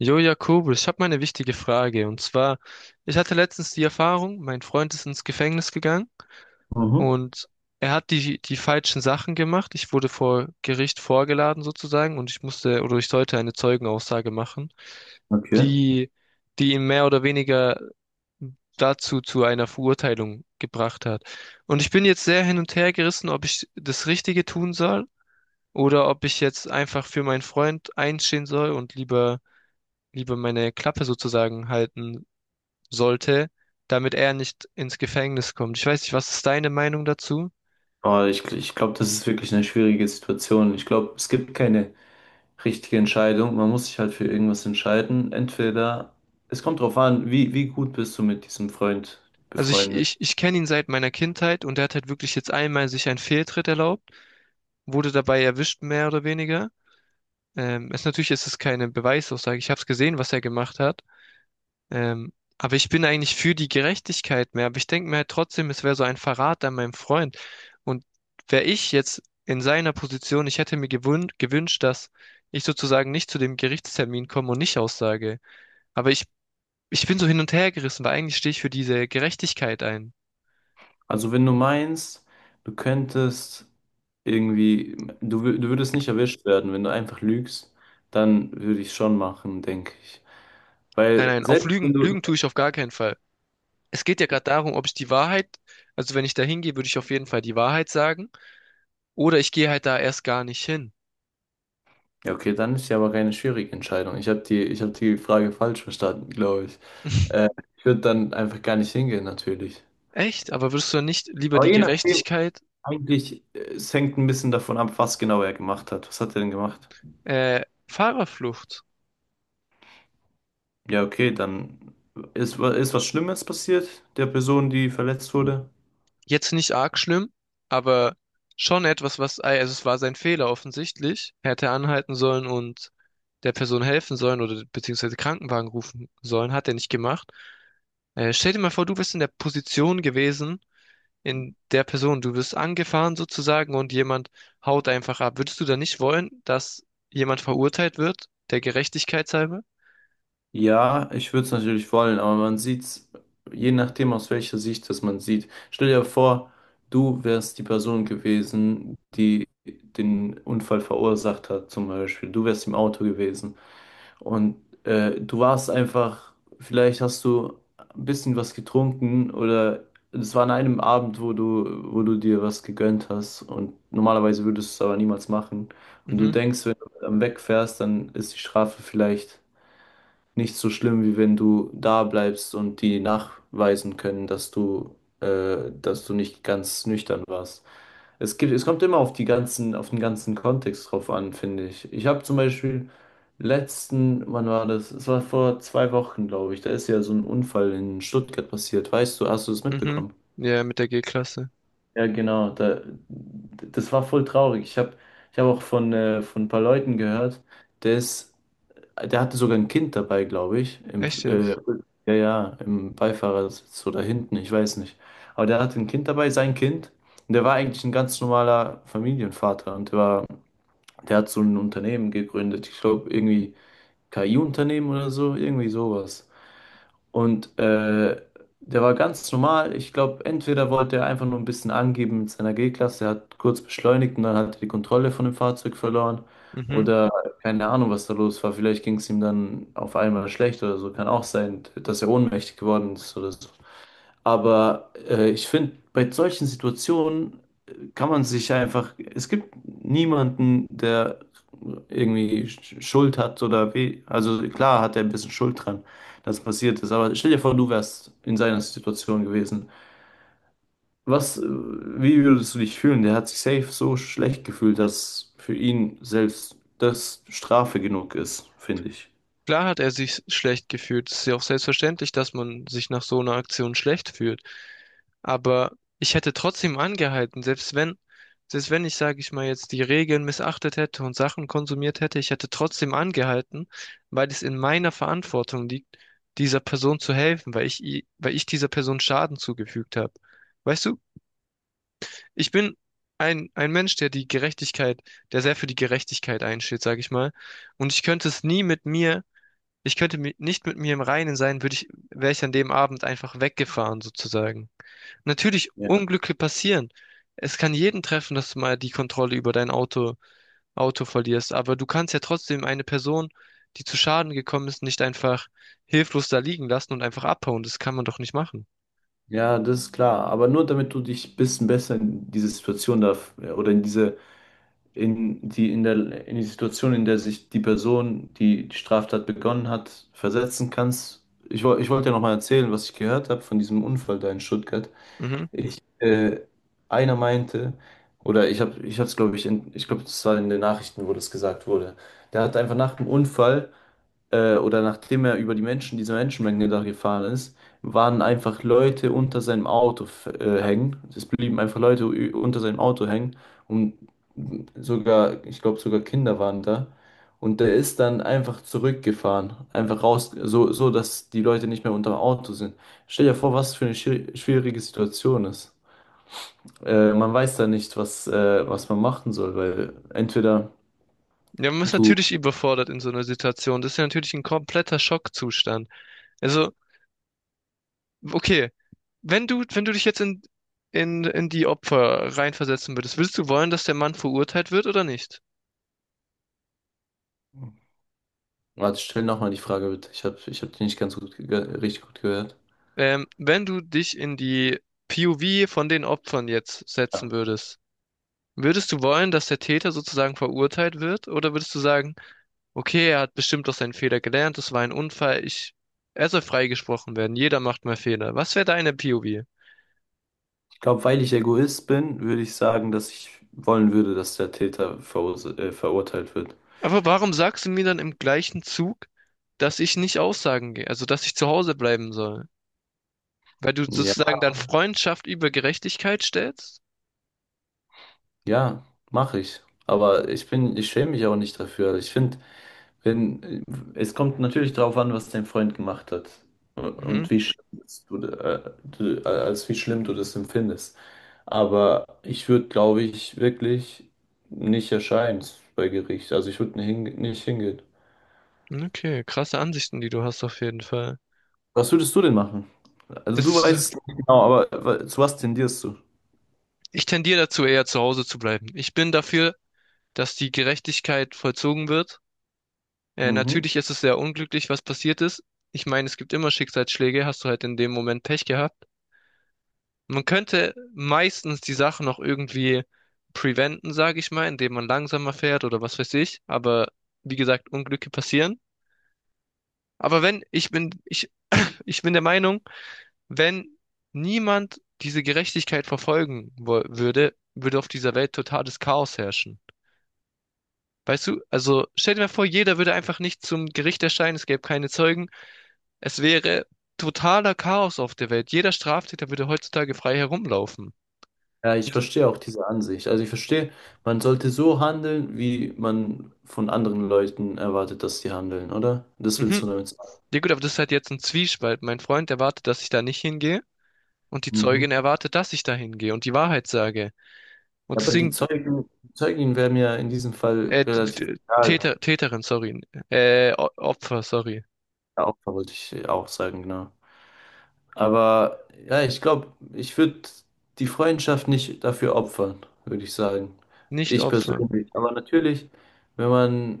Jo, Jakobus, ich habe mal eine wichtige Frage. Und zwar, ich hatte letztens die Erfahrung, mein Freund ist ins Gefängnis gegangen Mhm, und er hat die falschen Sachen gemacht. Ich wurde vor Gericht vorgeladen sozusagen und ich musste oder ich sollte eine Zeugenaussage machen, okay. die, die ihn mehr oder weniger dazu zu einer Verurteilung gebracht hat. Und ich bin jetzt sehr hin und her gerissen, ob ich das Richtige tun soll oder ob ich jetzt einfach für meinen Freund einstehen soll und lieber meine Klappe sozusagen halten sollte, damit er nicht ins Gefängnis kommt. Ich weiß nicht, was ist deine Meinung dazu? Aber ich glaube, das ist wirklich eine schwierige Situation. Ich glaube, es gibt keine richtige Entscheidung. Man muss sich halt für irgendwas entscheiden. Entweder, es kommt drauf an, wie gut bist du mit diesem Freund Also ich, befreundet. ich, ich kenne ihn seit meiner Kindheit und er hat halt wirklich jetzt einmal sich einen Fehltritt erlaubt, wurde dabei erwischt, mehr oder weniger. Es natürlich ist es keine Beweisaussage. Ich habe es gesehen, was er gemacht hat. Aber ich bin eigentlich für die Gerechtigkeit mehr. Aber ich denke mir halt trotzdem, es wäre so ein Verrat an meinem Freund. Und wäre ich jetzt in seiner Position, ich hätte mir gewünscht, dass ich sozusagen nicht zu dem Gerichtstermin komme und nicht aussage. Aber ich Ich bin so hin und her gerissen, weil eigentlich stehe ich für diese Gerechtigkeit ein. Also wenn du meinst, du könntest irgendwie, du würdest nicht erwischt werden, wenn du einfach lügst, dann würde ich schon machen, denke ich. Nein, Weil nein, auf selbst wenn du, Lügen tue ich auf gar keinen Fall. Es geht ja gerade darum, ob ich also wenn ich da hingehe, würde ich auf jeden Fall die Wahrheit sagen, oder ich gehe halt da erst gar nicht hin. ja, okay, dann ist ja aber keine schwierige Entscheidung. Ich hab die Frage falsch verstanden, glaube ich. Äh, Ich würde dann einfach gar nicht hingehen, natürlich. Echt? Aber würdest du dann nicht lieber Aber die je nachdem, eigentlich, es hängt ein bisschen davon ab, was genau er gemacht hat. Was hat er denn gemacht? äh, Fahrerflucht? Ja, okay, dann ist was Schlimmes passiert der Person, die verletzt wurde? Jetzt nicht arg schlimm, aber schon etwas, also es war sein Fehler offensichtlich. Er hätte anhalten sollen und der Person helfen sollen oder beziehungsweise Krankenwagen rufen sollen, hat er nicht gemacht. Stell dir mal vor, du wärst in der Position gewesen, in der Person, du wirst angefahren sozusagen und jemand haut einfach ab. Würdest du da nicht wollen, dass jemand verurteilt wird, der Gerechtigkeit halber? Ja, ich würde es natürlich wollen, aber man sieht es, je nachdem aus welcher Sicht das man sieht. Stell dir vor, du wärst die Person gewesen, die den Unfall verursacht hat, zum Beispiel. Du wärst im Auto gewesen und äh, du warst einfach, vielleicht hast du ein bisschen was getrunken oder es war an einem Abend, wo du dir was gegönnt hast und normalerweise würdest du es aber niemals machen. Und du Mhm, denkst, wenn du dann wegfährst, dann ist die Strafe vielleicht nicht so schlimm, wie wenn du da bleibst und die nachweisen können, dass du nicht ganz nüchtern warst. Es kommt immer auf auf den ganzen Kontext drauf an, finde ich. Ich habe zum Beispiel letzten, wann war das? Es war vor zwei Wochen, glaube ich. Da ist ja so ein Unfall in Stuttgart passiert. Weißt du, hast du das mhm. mitbekommen? Ja, mit der G-Klasse. Ja, genau. Da, das war voll traurig. Ich hab auch von ein paar Leuten gehört, der ist der hatte sogar ein Kind dabei, glaube ich. Im, Echt jetzt? ja, ja, im Beifahrersitz oder hinten, ich weiß nicht. Aber der hatte ein Kind dabei, sein Kind. Und der war eigentlich ein ganz normaler Familienvater. Und der war, der hat so ein Unternehmen gegründet. Ich glaube, irgendwie KI-Unternehmen oder so, irgendwie sowas. Und der war ganz normal. Ich glaube, entweder wollte er einfach nur ein bisschen angeben mit seiner G-Klasse, er hat kurz beschleunigt und dann hat er die Kontrolle von dem Fahrzeug verloren. Mhm. Oder keine Ahnung, was da los war. Vielleicht ging es ihm dann auf einmal schlecht oder so. Kann auch sein, dass er ohnmächtig geworden ist oder so. Aber ich finde, bei solchen Situationen kann man sich einfach, es gibt niemanden, der irgendwie Schuld hat oder weh. Also klar hat er ein bisschen Schuld dran, dass passiert ist. Aber stell dir vor, du wärst in seiner Situation gewesen. Wie würdest du dich fühlen? Der hat sich safe so schlecht gefühlt, dass für ihn selbst das Strafe genug ist, finde ich. Klar hat er sich schlecht gefühlt. Es ist ja auch selbstverständlich, dass man sich nach so einer Aktion schlecht fühlt. Aber ich hätte trotzdem angehalten, selbst wenn ich, sage ich mal, jetzt die Regeln missachtet hätte und Sachen konsumiert hätte, ich hätte trotzdem angehalten, weil es in meiner Verantwortung liegt, dieser Person zu helfen, weil weil ich dieser Person Schaden zugefügt habe. Weißt du? Ich bin ein Mensch, der der sehr für die Gerechtigkeit einsteht, sage ich mal. Und ich könnte es nie ich könnte nicht mit mir im Reinen sein, würde ich, wäre ich an dem Abend einfach weggefahren, sozusagen. Natürlich, Ja. Unglücke passieren. Es kann jeden treffen, dass du mal die Kontrolle über Auto verlierst, aber du kannst ja trotzdem eine Person, die zu Schaden gekommen ist, nicht einfach hilflos da liegen lassen und einfach abhauen. Das kann man doch nicht machen. Ja, das ist klar. Aber nur damit du dich ein bisschen besser in diese Situation da oder in diese in die Situation, in der sich die Person, die die Straftat begonnen hat, versetzen kannst. Ich wollte ja nochmal erzählen, was ich gehört habe von diesem Unfall da in Stuttgart. Mhm. Ich, äh, einer meinte, ich habe es, glaube ich, ich glaube, das war in den Nachrichten, wo das gesagt wurde. Der hat einfach nach dem Unfall oder nachdem er über die Menschen, diese Menschenmenge da gefahren ist, waren einfach Leute unter seinem Auto hängen. Es blieben einfach Leute unter seinem Auto hängen und sogar, ich glaube, sogar Kinder waren da. Und der ist dann einfach zurückgefahren, einfach raus, dass die Leute nicht mehr unter dem Auto sind. Stell dir vor, was für eine schwierige Situation ist. Man weiß da nicht, was man machen soll, weil entweder Ja, man ist du natürlich überfordert in so einer Situation. Das ist ja natürlich ein kompletter Schockzustand. Also, okay, wenn du dich jetzt in die Opfer reinversetzen würdest, würdest du wollen, dass der Mann verurteilt wird oder nicht? warte, stell nochmal die Frage bitte. Ich hab die nicht richtig gut gehört. Wenn du dich in die POV von den Opfern jetzt setzen würdest, würdest du wollen, dass der Täter sozusagen verurteilt wird? Oder würdest du sagen, okay, er hat bestimmt aus seinen Fehler gelernt, das war ein Unfall, er soll freigesprochen werden, jeder macht mal Fehler. Was wäre deine POV? Ich glaube, weil ich Egoist bin, würde ich sagen, dass ich wollen würde, dass der Täter verurteilt wird. Aber warum sagst du mir dann im gleichen Zug, dass ich nicht aussagen gehe, also dass ich zu Hause bleiben soll? Weil du Ja, sozusagen dann Freundschaft über Gerechtigkeit stellst? ja, mache ich. Aber ich schäme mich auch nicht dafür. Also ich finde, wenn, es kommt natürlich darauf an, was dein Freund gemacht hat Mhm. und wie schlimm als wie schlimm du das empfindest. Aber ich würde, glaube ich, wirklich nicht erscheinen bei Gericht. Also ich würde nicht hingehen. Okay, krasse Ansichten, die du hast auf jeden Fall. Was würdest du denn machen? Also du Das, äh, weißt nicht genau, aber zu was tendierst du? Ich tendiere dazu, eher zu Hause zu bleiben. Ich bin dafür, dass die Gerechtigkeit vollzogen wird. Mhm. Natürlich ist es sehr unglücklich, was passiert ist. Ich meine, es gibt immer Schicksalsschläge, hast du halt in dem Moment Pech gehabt. Man könnte meistens die Sache noch irgendwie preventen, sage ich mal, indem man langsamer fährt oder was weiß ich. Aber wie gesagt, Unglücke passieren. Aber wenn, ich bin, ich bin der Meinung, wenn niemand diese Gerechtigkeit würde, würde auf dieser Welt totales Chaos herrschen. Weißt du, also stell dir mal vor, jeder würde einfach nicht zum Gericht erscheinen, es gäbe keine Zeugen. Es wäre totaler Chaos auf der Welt. Jeder Straftäter würde heutzutage frei herumlaufen. Ja, ich Und, verstehe auch diese Ansicht. Also ich verstehe, man sollte so handeln, wie man von anderen Leuten erwartet, dass sie handeln, oder? Das willst du mhm. damit sagen. Ja gut, aber das ist halt jetzt ein Zwiespalt. Mein Freund erwartet, dass ich da nicht hingehe und die Mhm. Zeugin erwartet, dass ich da hingehe und die Wahrheit sage. Und Aber deswegen, die Zeugen wären ja in diesem Fall relativ egal. Täter, Täterin, sorry, Opfer, sorry, Ja, Opfer wollte ich auch sagen, genau. Aber ja, ich glaube, ich würde die Freundschaft nicht dafür opfern, würde ich sagen. nicht Ich Opfern. persönlich. Aber natürlich, wenn man,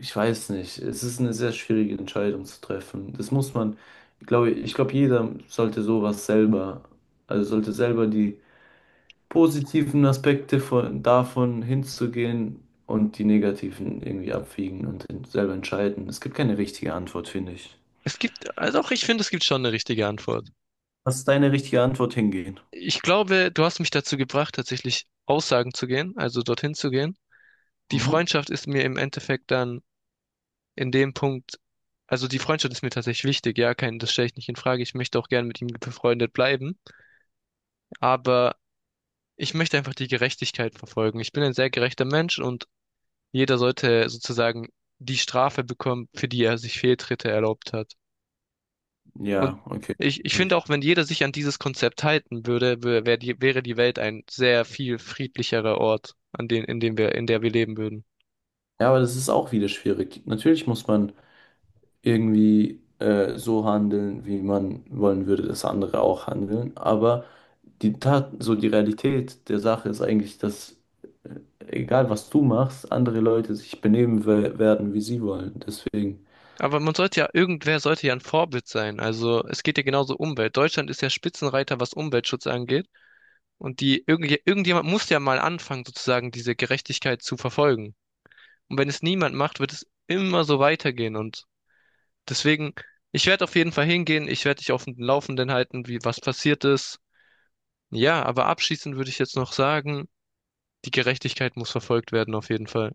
ich weiß nicht, es ist eine sehr schwierige Entscheidung zu treffen. Das muss man, ich glaube, jeder sollte sowas selber, also sollte selber die positiven Aspekte davon hinzugehen und die negativen irgendwie abwiegen und selber entscheiden. Es gibt keine richtige Antwort, finde ich. Also auch ich finde, es gibt schon eine richtige Antwort. Was ist deine richtige Antwort hingehen? Ich glaube, du hast mich dazu gebracht, tatsächlich Aussagen zu gehen, also dorthin zu gehen. Die Mhm. Freundschaft ist mir im Endeffekt dann in dem Punkt, Also die Freundschaft ist mir tatsächlich wichtig, ja, kein, das stelle ich nicht in Frage. Ich möchte auch gern mit ihm befreundet bleiben, aber ich möchte einfach die Gerechtigkeit verfolgen. Ich bin ein sehr gerechter Mensch und jeder sollte sozusagen die Strafe bekommen, für die er sich Fehltritte erlaubt hat. Und Ja, okay. Ich finde auch, wenn jeder sich an dieses Konzept halten würde, wäre die Welt ein sehr viel friedlicherer Ort, an den, in dem wir, in der wir leben würden. Ja, aber das ist auch wieder schwierig. Natürlich muss man irgendwie so handeln, wie man wollen würde, dass andere auch handeln. Aber die Tat, so die Realität der Sache ist eigentlich, dass äh, egal was du machst, andere Leute sich werden, wie sie wollen. Deswegen. Aber man sollte ja, irgendwer sollte ja ein Vorbild sein. Also es geht ja genauso um Umwelt. Deutschland ist ja Spitzenreiter, was Umweltschutz angeht. Und irgendjemand muss ja mal anfangen, sozusagen diese Gerechtigkeit zu verfolgen. Und wenn es niemand macht, wird es immer so weitergehen. Und deswegen, ich werde auf jeden Fall hingehen. Ich werde dich auf dem Laufenden halten, wie was passiert ist. Ja, aber abschließend würde ich jetzt noch sagen, die Gerechtigkeit muss verfolgt werden, auf jeden Fall.